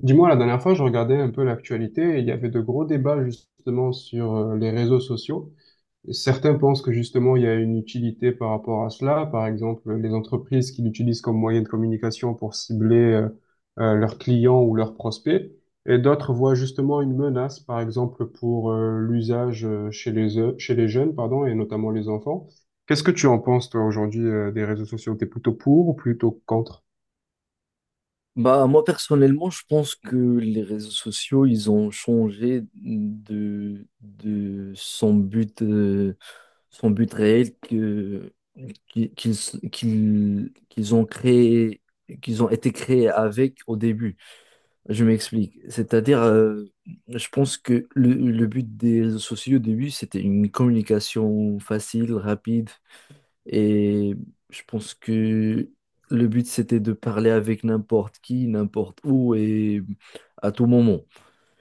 Dis-moi, la dernière fois, je regardais un peu l'actualité et il y avait de gros débats justement sur les réseaux sociaux. Certains pensent que justement il y a une utilité par rapport à cela. Par exemple, les entreprises qui l'utilisent comme moyen de communication pour cibler leurs clients ou leurs prospects. Et d'autres voient justement une menace, par exemple, pour l'usage chez chez les jeunes, pardon, et notamment les enfants. Qu'est-ce que tu en penses, toi, aujourd'hui, des réseaux sociaux? T'es plutôt pour ou plutôt contre? Bah, moi, personnellement, je pense que les réseaux sociaux, ils ont changé de son but réel que, qui- qu'ils, qu'ils, qu'ils ont créé, qu'ils ont été créés avec au début. Je m'explique. C'est-à-dire, je pense que le but des réseaux sociaux au début, c'était une communication facile, rapide, et je pense que le but, c'était de parler avec n'importe qui, n'importe où et à tout moment.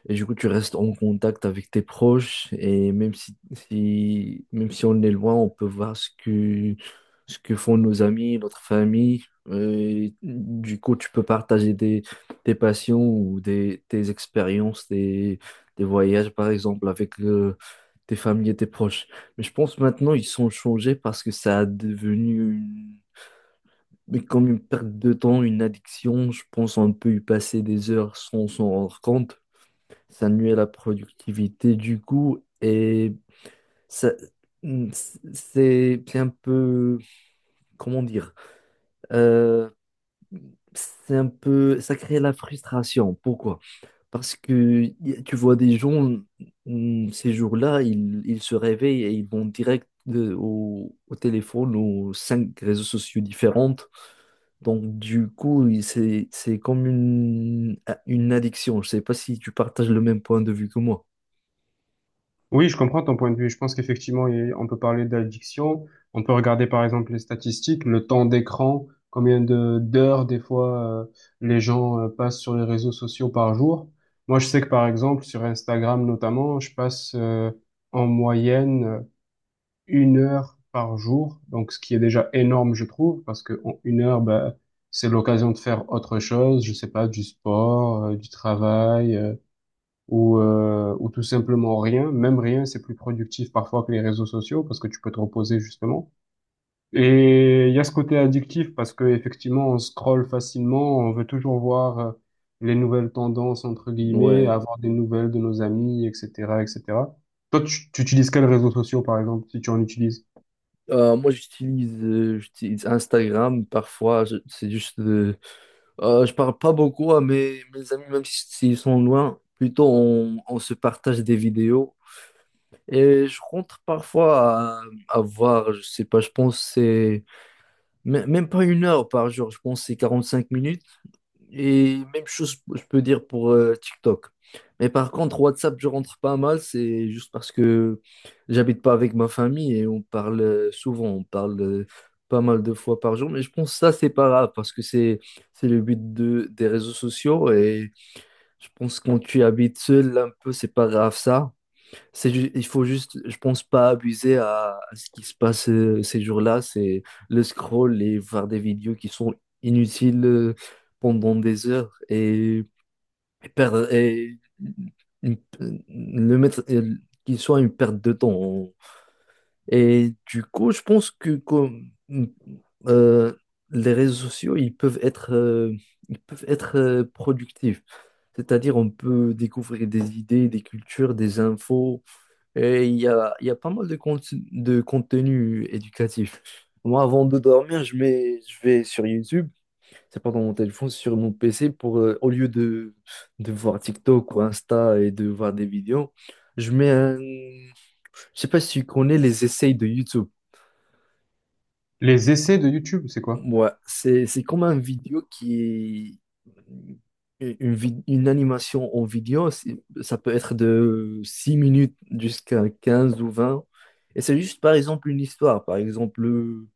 Et du coup, tu restes en contact avec tes proches et même même si on est loin, on peut voir ce que font nos amis, notre famille. Et du coup, tu peux partager tes passions ou tes expériences, des voyages, par exemple, avec tes familles et tes proches. Mais je pense maintenant, ils sont changés parce que ça a devenu mais comme une perte de temps, une addiction. Je pense on peut y passer des heures sans s'en rendre compte. Ça nuit à la productivité du coup et ça, c'est un peu, comment dire, euh, c'est un peu, ça crée la frustration. Pourquoi? Parce que y tu vois des gens, ces jours-là, ils se réveillent et ils vont direct au téléphone, aux cinq réseaux sociaux différents. Donc, du coup, c'est comme une addiction. Je sais pas si tu partages le même point de vue que moi. Oui, je comprends ton point de vue. Je pense qu'effectivement, on peut parler d'addiction. On peut regarder par exemple les statistiques, le temps d'écran, combien de d'heures des fois les gens passent sur les réseaux sociaux par jour. Moi, je sais que par exemple sur Instagram notamment, je passe en moyenne 1 heure par jour, donc ce qui est déjà énorme, je trouve, parce que en 1 heure, bah, c'est l'occasion de faire autre chose. Je sais pas, du sport, du travail, ou tout simplement rien. Même rien, c'est plus productif parfois que les réseaux sociaux parce que tu peux te reposer justement. Et il y a ce côté addictif parce que effectivement, on scrolle facilement, on veut toujours voir les nouvelles tendances entre guillemets, Ouais. avoir des nouvelles de nos amis, etc., etc. Toi, tu utilises quels réseaux sociaux par exemple, si tu en utilises? Moi, j'utilise Instagram. Parfois, c'est juste. Je parle pas beaucoup à mes amis, même s'ils sont loin. Plutôt, on se partage des vidéos. Et je rentre parfois à voir, je sais pas, je pense que c'est même pas 1 heure par jour, je pense que c'est 5 minutes. Et même chose, je peux dire pour TikTok. Mais par contre, WhatsApp, je rentre pas mal, c'est juste parce que j'habite pas avec ma famille et on parle souvent, on parle pas mal de fois par jour. Mais je pense que ça, c'est pas grave parce que c'est le but des réseaux sociaux et je pense que quand tu habites seul un peu, c'est pas grave ça. C'est il faut juste, je pense, pas abuser à ce qui se passe ces jours-là. C'est le scroll et voir des vidéos qui sont inutiles pendant des heures et perdre, une- le mettre, qu'il soit une perte de temps. Et du coup, je pense que euh, les réseaux sociaux, ils peuvent être productifs. C'est-à-dire, on peut découvrir des idées, des cultures, des infos et il y a pas mal de contenu éducatif. Moi, avant de dormir, je mets, je vais sur YouTube, c'est pas dans mon téléphone, sur mon PC, au lieu de voir TikTok ou Insta et de voir des vidéos, je mets un... Je sais pas si tu connais les essais de YouTube. Les essais de YouTube, c'est quoi? Ouais, c'est comme un vidéo qui est une animation en vidéo, ça peut être de 6 minutes jusqu'à 15 ou 20. Et c'est juste par exemple une histoire, par exemple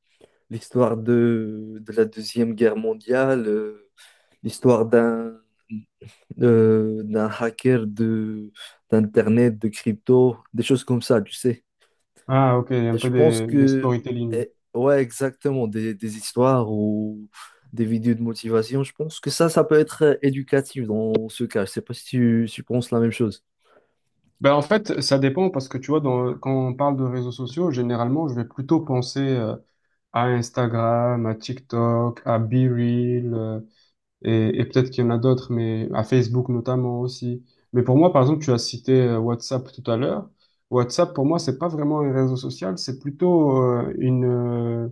l'histoire de la Deuxième Guerre mondiale, l'histoire d'un hacker de d'Internet, de crypto, des choses comme ça, tu sais. Ah, ok, il y a un Je peu pense des que, storytelling. Ouais, exactement, des histoires ou des vidéos de motivation, je pense que ça peut être éducatif dans ce cas. Je sais pas si tu penses la même chose. Ben en fait, ça dépend parce que tu vois, quand on parle de réseaux sociaux, généralement, je vais plutôt penser à Instagram, à TikTok, à BeReal, et peut-être qu'il y en a d'autres, mais à Facebook notamment aussi. Mais pour moi, par exemple, tu as cité WhatsApp tout à l'heure. WhatsApp, pour moi, c'est pas vraiment un réseau social, c'est plutôt euh, une, euh,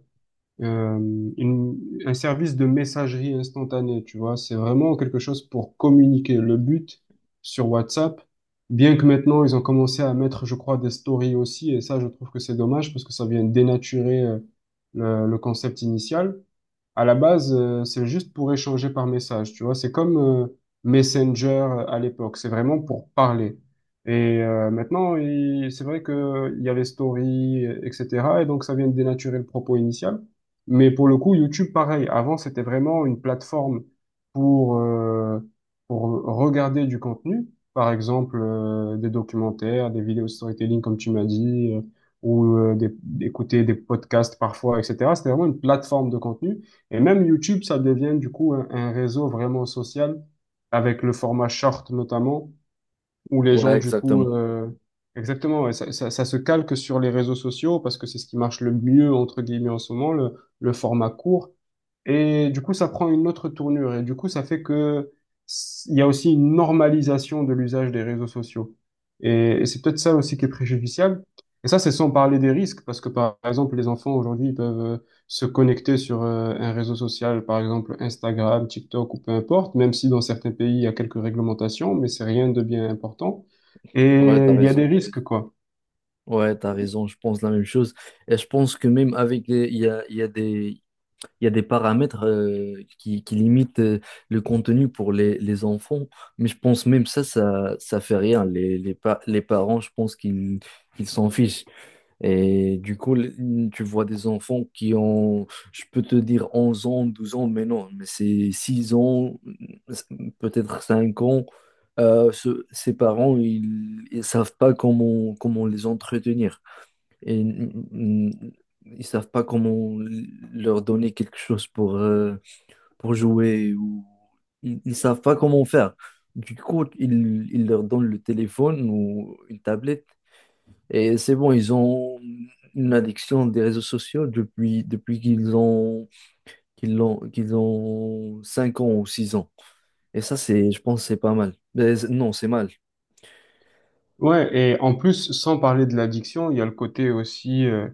euh, une- un service de messagerie instantanée, tu vois. C'est vraiment quelque chose pour communiquer. Le but sur WhatsApp, bien que maintenant ils ont commencé à mettre, je crois, des stories aussi, et ça, je trouve que c'est dommage parce que ça vient dénaturer le concept initial. À la base, c'est juste pour échanger par message, tu vois. C'est comme Messenger à l'époque. C'est vraiment pour parler. Et maintenant, c'est vrai que il y a les stories, etc. Et donc, ça vient de dénaturer le propos initial. Mais pour le coup, YouTube, pareil. Avant, c'était vraiment une plateforme pour euh, pour regarder du contenu, par exemple des documentaires, des vidéos de storytelling, comme tu m'as dit, ou d'écouter des podcasts parfois, etc. C'était vraiment une plateforme de contenu. Et même YouTube, ça devient du coup un réseau vraiment social, avec le format short notamment, où les Ouais, gens du coup, exactement. Exactement, ouais, ça se calque sur les réseaux sociaux parce que c'est ce qui marche le mieux entre guillemets en ce moment, le format court. Et du coup, ça prend une autre tournure. Et du coup, ça fait que il y a aussi une normalisation de l'usage des réseaux sociaux. Et c'est peut-être ça aussi qui est préjudiciable. Et ça, c'est sans parler des risques, parce que par exemple, les enfants aujourd'hui, ils peuvent se connecter sur un réseau social, par exemple Instagram, TikTok ou peu importe, même si dans certains pays, il y a quelques réglementations, mais c'est rien de bien important. Ouais, t'as Et il y a raison. des, risques, quoi. Ouais, t'as raison, je pense la même chose. Et je pense que même avec il y a des paramètres qui limitent le contenu pour les enfants, mais je pense même ça fait rien. Les parents, je pense qu'ils s'en fichent. Et du coup, tu vois des enfants qui ont, je peux te dire 11 ans, 12 ans, mais non, mais c'est 6 ans, peut-être 5 ans. Ses parents, ils ne savent pas comment les entretenir. Et, ils savent pas comment leur donner quelque chose pour jouer ou ils ne savent pas comment faire. Du coup, ils leur donnent le téléphone ou une tablette et c'est bon, ils ont une addiction des réseaux sociaux depuis qu'ils ont 5 ans ou 6 ans. Et ça, c'est, je pense, que c'est pas mal. Mais non, c'est mal. Ouais, et en plus, sans parler de l'addiction, il y a le côté aussi, euh,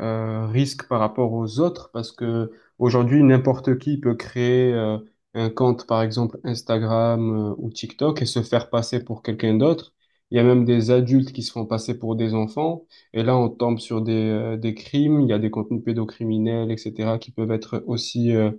euh, risque par rapport aux autres parce que aujourd'hui n'importe qui peut créer un compte par exemple Instagram ou TikTok et se faire passer pour quelqu'un d'autre. Il y a même des adultes qui se font passer pour des enfants et là on tombe sur des crimes, il y a des contenus pédocriminels, etc. qui peuvent être aussi euh,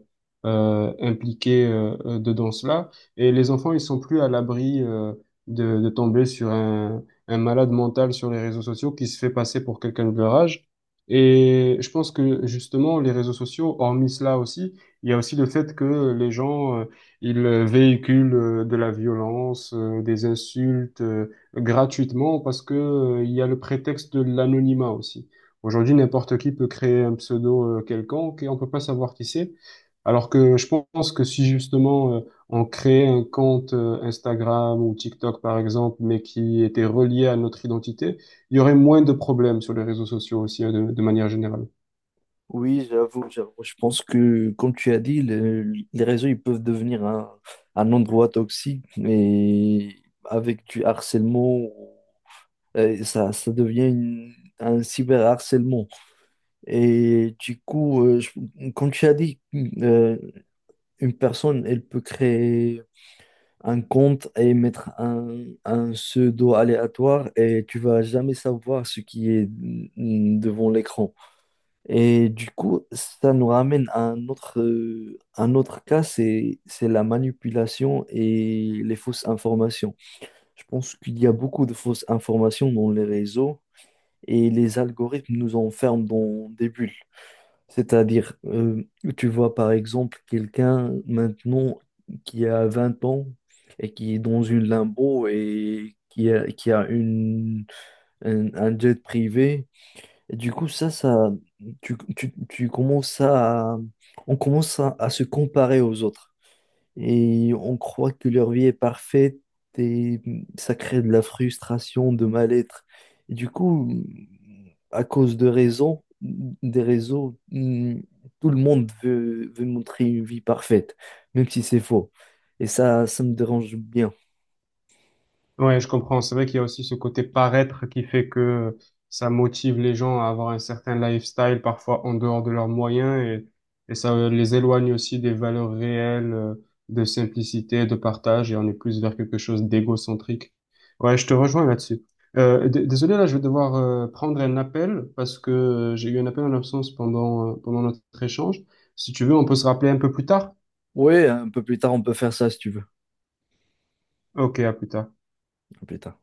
euh, impliqués dedans cela et les enfants ils sont plus à l'abri de tomber sur un malade mental sur les réseaux sociaux qui se fait passer pour quelqu'un de leur âge. Et je pense que justement, les réseaux sociaux, hormis cela aussi, il y a aussi le fait que les gens, ils véhiculent de la violence, des insultes gratuitement parce que, il y a le prétexte de l'anonymat aussi. Aujourd'hui, n'importe qui peut créer un pseudo quelconque et on peut pas savoir qui c'est. Alors que je pense que si justement on créait un compte Instagram ou TikTok par exemple, mais qui était relié à notre identité, il y aurait moins de problèmes sur les réseaux sociaux aussi, de manière générale. Oui, j'avoue, j'avoue. Je pense que, comme tu as dit, les réseaux, ils peuvent devenir un endroit toxique et avec du harcèlement, ça devient un cyberharcèlement. Et du coup, comme tu as dit, euh, une personne, elle peut créer un compte et mettre un pseudo aléatoire et tu vas jamais savoir ce qui est devant l'écran. Et du coup, ça nous ramène à un autre cas, c'est la manipulation et les fausses informations. Je pense qu'il y a beaucoup de fausses informations dans les réseaux et les algorithmes nous enferment dans des bulles. C'est-à-dire, tu vois par exemple quelqu'un maintenant qui a 20 ans et qui est dans une limbo et qui a un jet privé. Et du coup, ça, tu commences à, on commence à se comparer aux autres et on croit que leur vie est parfaite et ça crée de la frustration, de mal-être. Et du coup, à cause de raisons, des réseaux, tout le monde veut montrer une vie parfaite, même si c'est faux. Et ça me dérange bien. Ouais, je comprends. C'est vrai qu'il y a aussi ce côté paraître qui fait que ça motive les gens à avoir un certain lifestyle, parfois en dehors de leurs moyens, et ça les éloigne aussi des valeurs réelles, de simplicité, de partage, et on est plus vers quelque chose d'égocentrique. Ouais, je te rejoins là-dessus. Désolé, là, je vais devoir prendre un appel parce que j'ai eu un appel en absence pendant, pendant notre échange. Si tu veux, on peut se rappeler un peu plus tard. Oui, un peu plus tard, on peut faire ça si tu veux. Un Ok, à plus tard. peu plus tard.